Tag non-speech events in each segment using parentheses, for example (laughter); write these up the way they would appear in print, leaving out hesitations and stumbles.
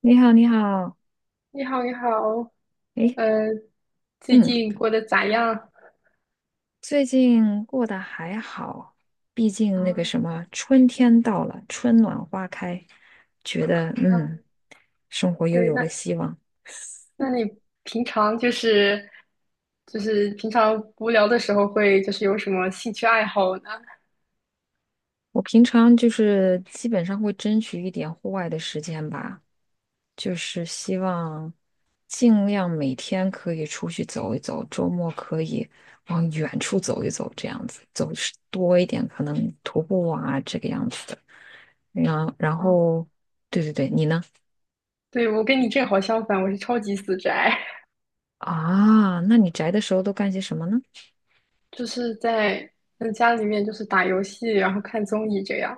你好，你好，你好，你好，诶，呃，最嗯，近过得咋样？最近过得还好，毕竟那个啊什么，春天到了，春暖花开，觉得啊，嗯，生活又对，有那了希望。那你平常就是平常无聊的时候会就是有什么兴趣爱好呢？我平常就是基本上会争取一点户外的时间吧，就是希望尽量每天可以出去走一走，周末可以往远处走一走，这样子走多一点，可能徒步啊，这个样子的。然然啊，后，对对对，你呢？对，我跟你正好相反，我是超级死宅，啊，那你宅的时候都干些什么呢？(laughs) 就是在家里面就是打游戏，然后看综艺这样。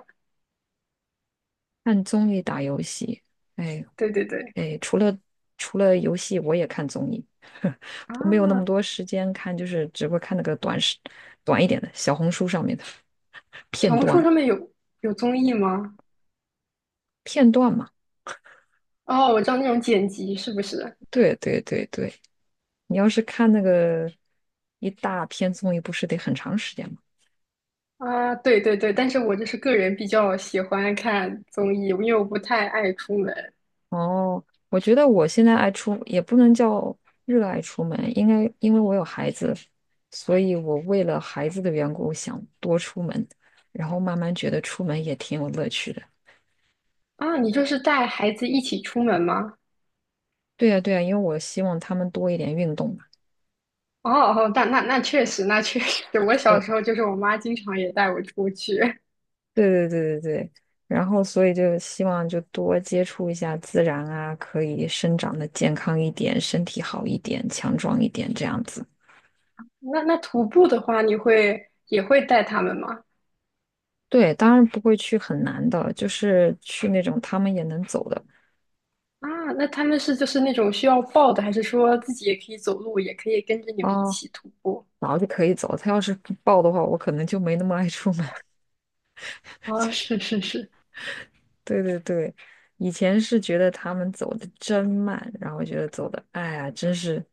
看综艺、打游戏。哎对对对，哎，除了游戏，我也看综艺，(laughs) 我没有那么啊，多时间看，就是只会看那个短视、短一点的小红书上面的 (laughs) 小片红书段，上面有综艺吗？片段嘛。哦，我知道那种剪辑是不是？对对对对，你要是看那个一大篇综艺，不是得很长时间吗？啊，对对对，但是我就是个人比较喜欢看综艺，因为我不太爱出门。哦，我觉得我现在爱出，也不能叫热爱出门，应该因为我有孩子，所以我为了孩子的缘故想多出门，然后慢慢觉得出门也挺有乐趣的。啊，你就是带孩子一起出门吗？对呀，对呀，因为我希望他们多一点运动嘛。哦哦，那确实，那确实，(laughs) 我小哦，时候就是我妈经常也带我出去。对对对对对，然后所以就希望就多接触一下自然啊，可以生长的健康一点，身体好一点，强壮一点这样子。那徒步的话，你会也会带他们吗？对，当然不会去很难的，就是去那种他们也能走的。啊，那他们是就是那种需要抱的，还是说自己也可以走路，也可以跟着你们一哦，起徒步？然后就可以走。他要是不报的话，我可能就没那么爱出门。(laughs) 啊，是是是，对对对，以前是觉得他们走的真慢，然后觉得走的，哎呀，真是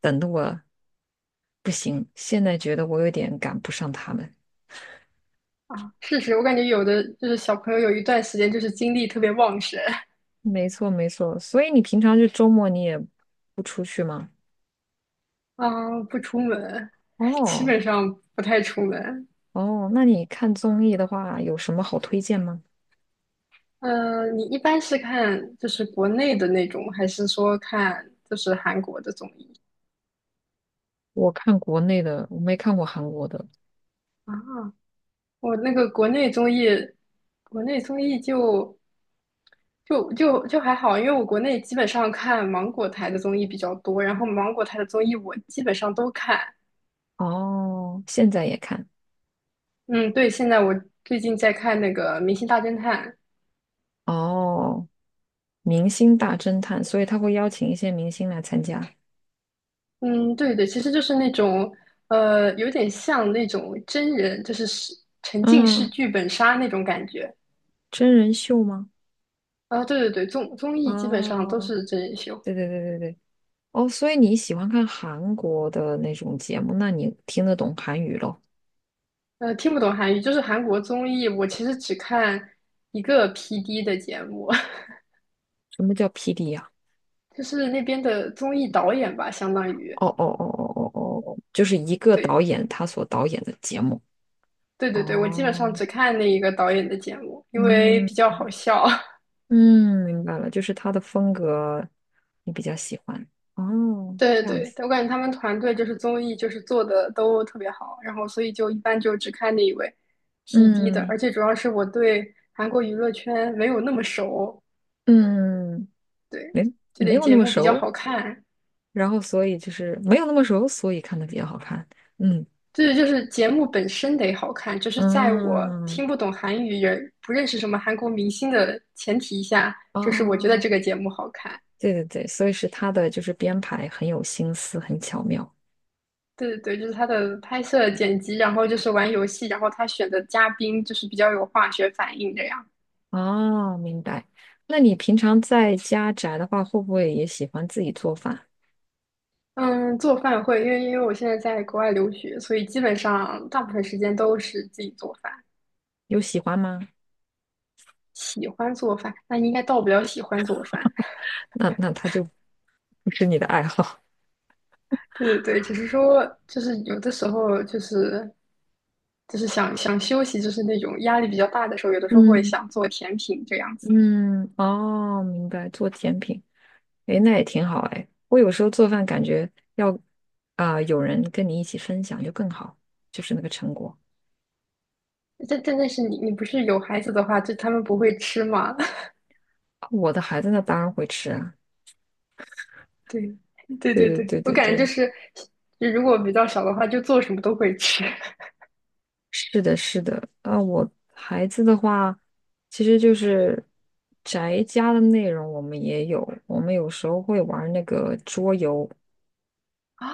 等的我不行。现在觉得我有点赶不上他们。啊，是是，我感觉有的就是小朋友有一段时间就是精力特别旺盛。没错没错，所以你平常就周末你也不出去吗？啊，不出门，(laughs) 基哦本上不太出门。哦，那你看综艺的话，有什么好推荐吗？嗯、你一般是看就是国内的那种，还是说看就是韩国的综艺我看国内的，我没看过韩国的。啊？我那个国内综艺，国内综艺就还好，因为我国内基本上看芒果台的综艺比较多，然后芒果台的综艺我基本上都看。哦，现在也看。嗯，对，现在我最近在看那个《明星大侦探》，哦，明星大侦探，所以他会邀请一些明星来参加。嗯，对对，其实就是那种，有点像那种真人，就是沉浸式嗯，剧本杀那种感觉。真人秀吗？啊，对对对，综艺基本上啊，都是真人秀。对对对对对，哦，所以你喜欢看韩国的那种节目，那你听得懂韩语咯？听不懂韩语，就是韩国综艺，我其实只看一个 PD 的节目，什么叫 PD 呀、(laughs) 就是那边的综艺导演吧，相当于。哦哦哦哦哦哦，哦，就是一个导对演他所导演的节目。对对对，我基本哦，上只看那一个导演的节目，因为嗯比较好笑。(laughs) 嗯，明白了，就是他的风格你比较喜欢。哦，对这样对子，对，我感觉他们团队就是综艺就是做的都特别好，然后所以就一般就只看那一位 P d 的，嗯而且主要是我对韩国娱乐圈没有那么熟，嗯，对，就你没得有节那么目比较熟。好看，然后所以就是没有那么熟，所以看的比较好看。嗯对，就是节目本身得好看，就是在我嗯听不懂韩语也不认识什么韩国明星的前提下，就是我觉得这哦，个节目好看。对对对，所以是他的就是编排很有心思，很巧妙。对对对，就是他的拍摄、剪辑，然后就是玩游戏，然后他选的嘉宾就是比较有化学反应这样。哦，明白。那你平常在家宅的话，会不会也喜欢自己做饭？嗯，做饭会，因为我现在在国外留学，所以基本上大部分时间都是自己做饭。有喜欢吗？喜欢做饭，那应该到不了喜欢做饭。(laughs) 那那他就不是你的爱好。对对对，只是说就是有的时候就是想想休息，就是那种压力比较大的时候，有的时候会嗯想做甜品这样子。嗯，哦，明白，做甜品，诶，那也挺好诶。我有时候做饭感觉要啊、有人跟你一起分享就更好，就是那个成果。但是你不是有孩子的话，就他们不会吃吗？啊我的孩子那当然会吃啊，(laughs) 对对对对对对，对我对感觉就对，是，就如果比较小的话，就做什么都会吃。是的，是的。啊，我孩子的话，其实就是宅家的内容，我们也有，我们有时候会玩那个桌游。(laughs) 啊，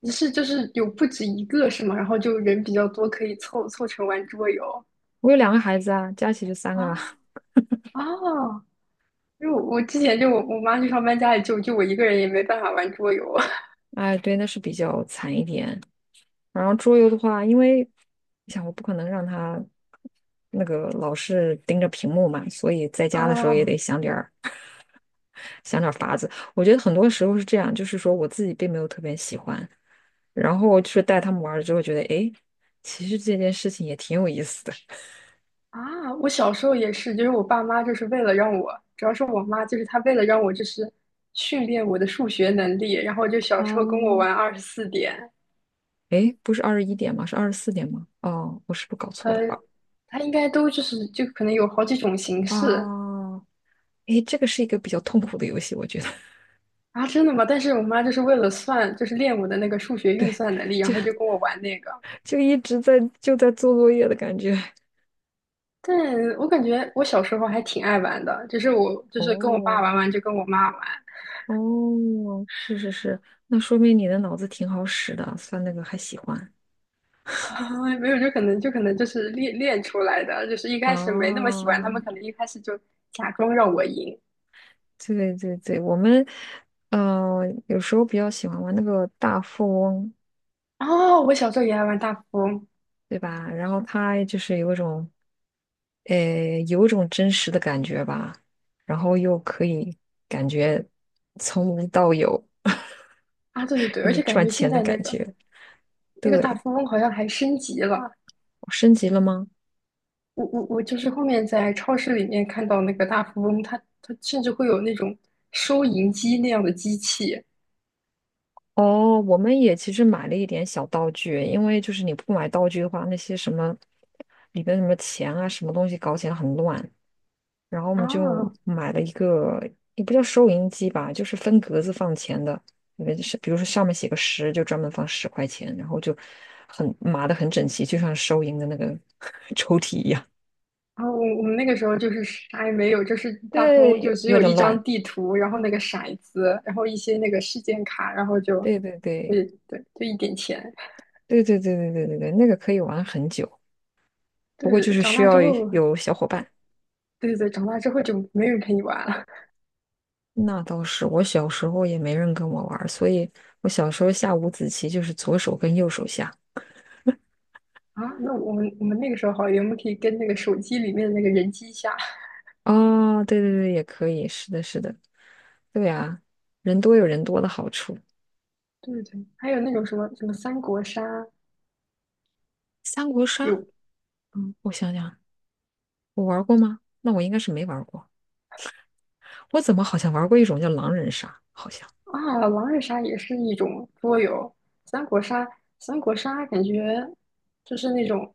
你是就是有不止一个是吗？然后就人比较多，可以凑成玩桌游我有两个孩子啊，加起就三个啦。啊 (laughs) 啊！因为我之前就我妈去上班，家里就我一个人也没办法玩桌游 (laughs) 哎，对，那是比较惨一点。然后桌游的话，因为你想，我不可能让他那个老是盯着屏幕嘛，所以在家的时候也啊得想点儿想点儿法子。我觉得很多时候是这样，就是说我自己并没有特别喜欢。然后就是带他们玩了之后，觉得诶，其实这件事情也挺有意思的。啊！我小时候也是，就是我爸妈就是为了让我，主要是我妈就是她为了让我就是训练我的数学能力，然后就小时候跟我哦，玩二十四点，诶，不是二十一点吗？是二十四点吗？哦，我是不是搞错了呃，吧？她应该都就可能有好几种形式，啊，诶，这个是一个比较痛苦的游戏，我觉得 啊，真的吗？但是我妈就是为了算，就是练我的那个数学运算能力，(laughs) 然就后就跟我玩那个。就一直在就在做作业的感觉。但我感觉我小时候还挺爱玩的，就是我就是跟我爸哦，玩完就跟我妈玩，哦，是是是，那说明你的脑子挺好使的，算那个还喜欢。(laughs) 没有就可能就是练练出来的，就是一开始没那么喜欢，他们哦，可能一开始就假装让我赢。对对对，我们呃有时候比较喜欢玩那个大富翁，哦，我小时候也爱玩大富翁对吧？然后它就是有一种，有一种真实的感觉吧，然后又可以感觉从无到有，啊，(laughs) 对对对，跟而着且感赚觉现钱的在那感个觉。那个大对，富翁好像还升级了，我升级了吗？我就是后面在超市里面看到那个大富翁，他甚至会有那种收银机那样的机器哦，我们也其实买了一点小道具，因为就是你不买道具的话，那些什么里边什么钱啊，什么东西搞起来很乱。然后我们就啊。买了一个，也不叫收银机吧，就是分格子放钱的，因为是比如说上面写个十，就专门放十块钱，然后就很码的很整齐，就像收银的那个 (laughs) 抽屉一样。然后我们那个时候就是啥也没有，就是 (laughs) 大富翁对，就有只有有一点张乱。地图，然后那个骰子，然后一些那个事件卡，然后就，对对对对对，就一点钱。对对对对对对对，那个可以玩很久，不过就对，是长需大之要后，有小伙伴。对对，长大之后就没人陪你玩了那倒是，我小时候也没人跟我玩儿所以我小时候下五子棋就是左手跟右手下。啊。那我们那个时候好一点，我们可以跟那个手机里面的那个人机下。哦，对对对，也可以，是的，是的，对呀，人多有人多的好处。对对，还有那种什么什么三国杀三国杀，有。嗯。我想想，我玩过吗？那我应该是没玩过。我怎么好像玩过一种叫狼人杀？好像，啊，狼人杀也是一种桌游，三国杀，三国杀感觉就是那种，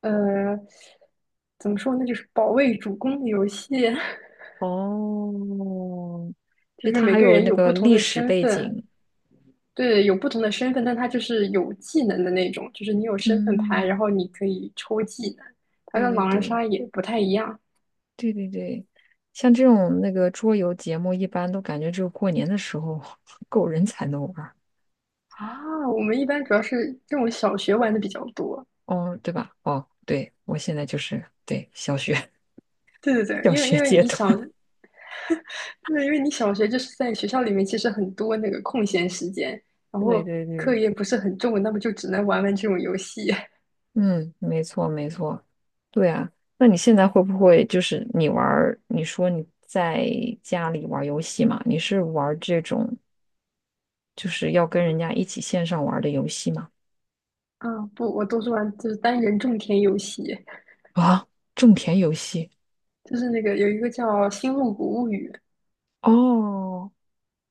呃，怎么说呢，就是保卫主公的游戏，哦，(laughs) 其就实是它每还个有人那有个不同历的史身背份，景。对，有不同的身份，但他就是有技能的那种，就是你有身份牌，然嗯，后你可以抽技能，它对跟对狼人对杀也不太一样对对对，像这种那个桌游节目，一般都感觉只有过年的时候 (laughs) 够人才能玩儿啊。我们一般主要是这种小学玩的比较多，哦，对吧？哦，对，我现在就是对小学 对对 (laughs) 对，小因为学因为阶你段。想。对，因为你小学就是在学校里面，其实很多那个空闲时间，然对后对课对，业不是很重，那么就只能玩玩这种游戏。(laughs) 嗯，没错没错，对啊。那你现在会不会就是你玩儿？你说你在家里玩儿游戏嘛？你是玩儿这种就是要跟人家一起线上玩儿的游戏吗？啊，不，我都是玩就是单人种田游戏，啊，种田游戏就是那个有一个叫《星露谷物语》，哦，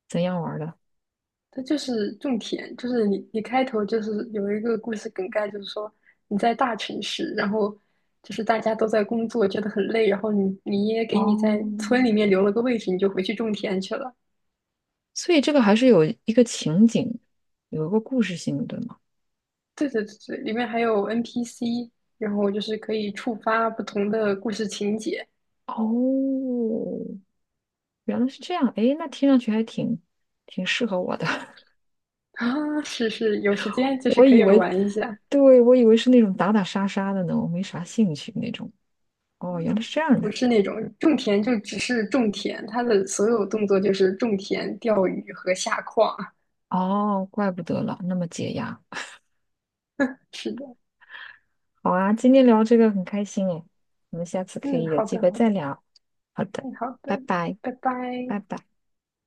怎样玩儿的？它就是种田，就是你开头就是有一个故事梗概，就是说你在大城市，然后就是大家都在工作，觉得很累，然后你爷爷给你在哦，村里面留了个位置，你就回去种田去了。所以这个还是有一个情景，有一个故事性的，对吗？对对对对，里面还有 NPC，然后就是可以触发不同的故事情节哦，原来是这样，诶，那听上去还挺挺适合我的。啊，是是，有时间就是我可以以为，玩一下，对，我以为是那种打打杀杀的呢，我没啥兴趣那种。哦，原来是这样不的。是那种种田就只是种田，它的所有动作就是种田、钓鱼和下矿啊。哦，怪不得了，那么解压。是的，好啊，今天聊这个很开心诶，我们下次可嗯，以有好机的会好再的，聊。好的，嗯好拜的，拜，拜拜。拜拜。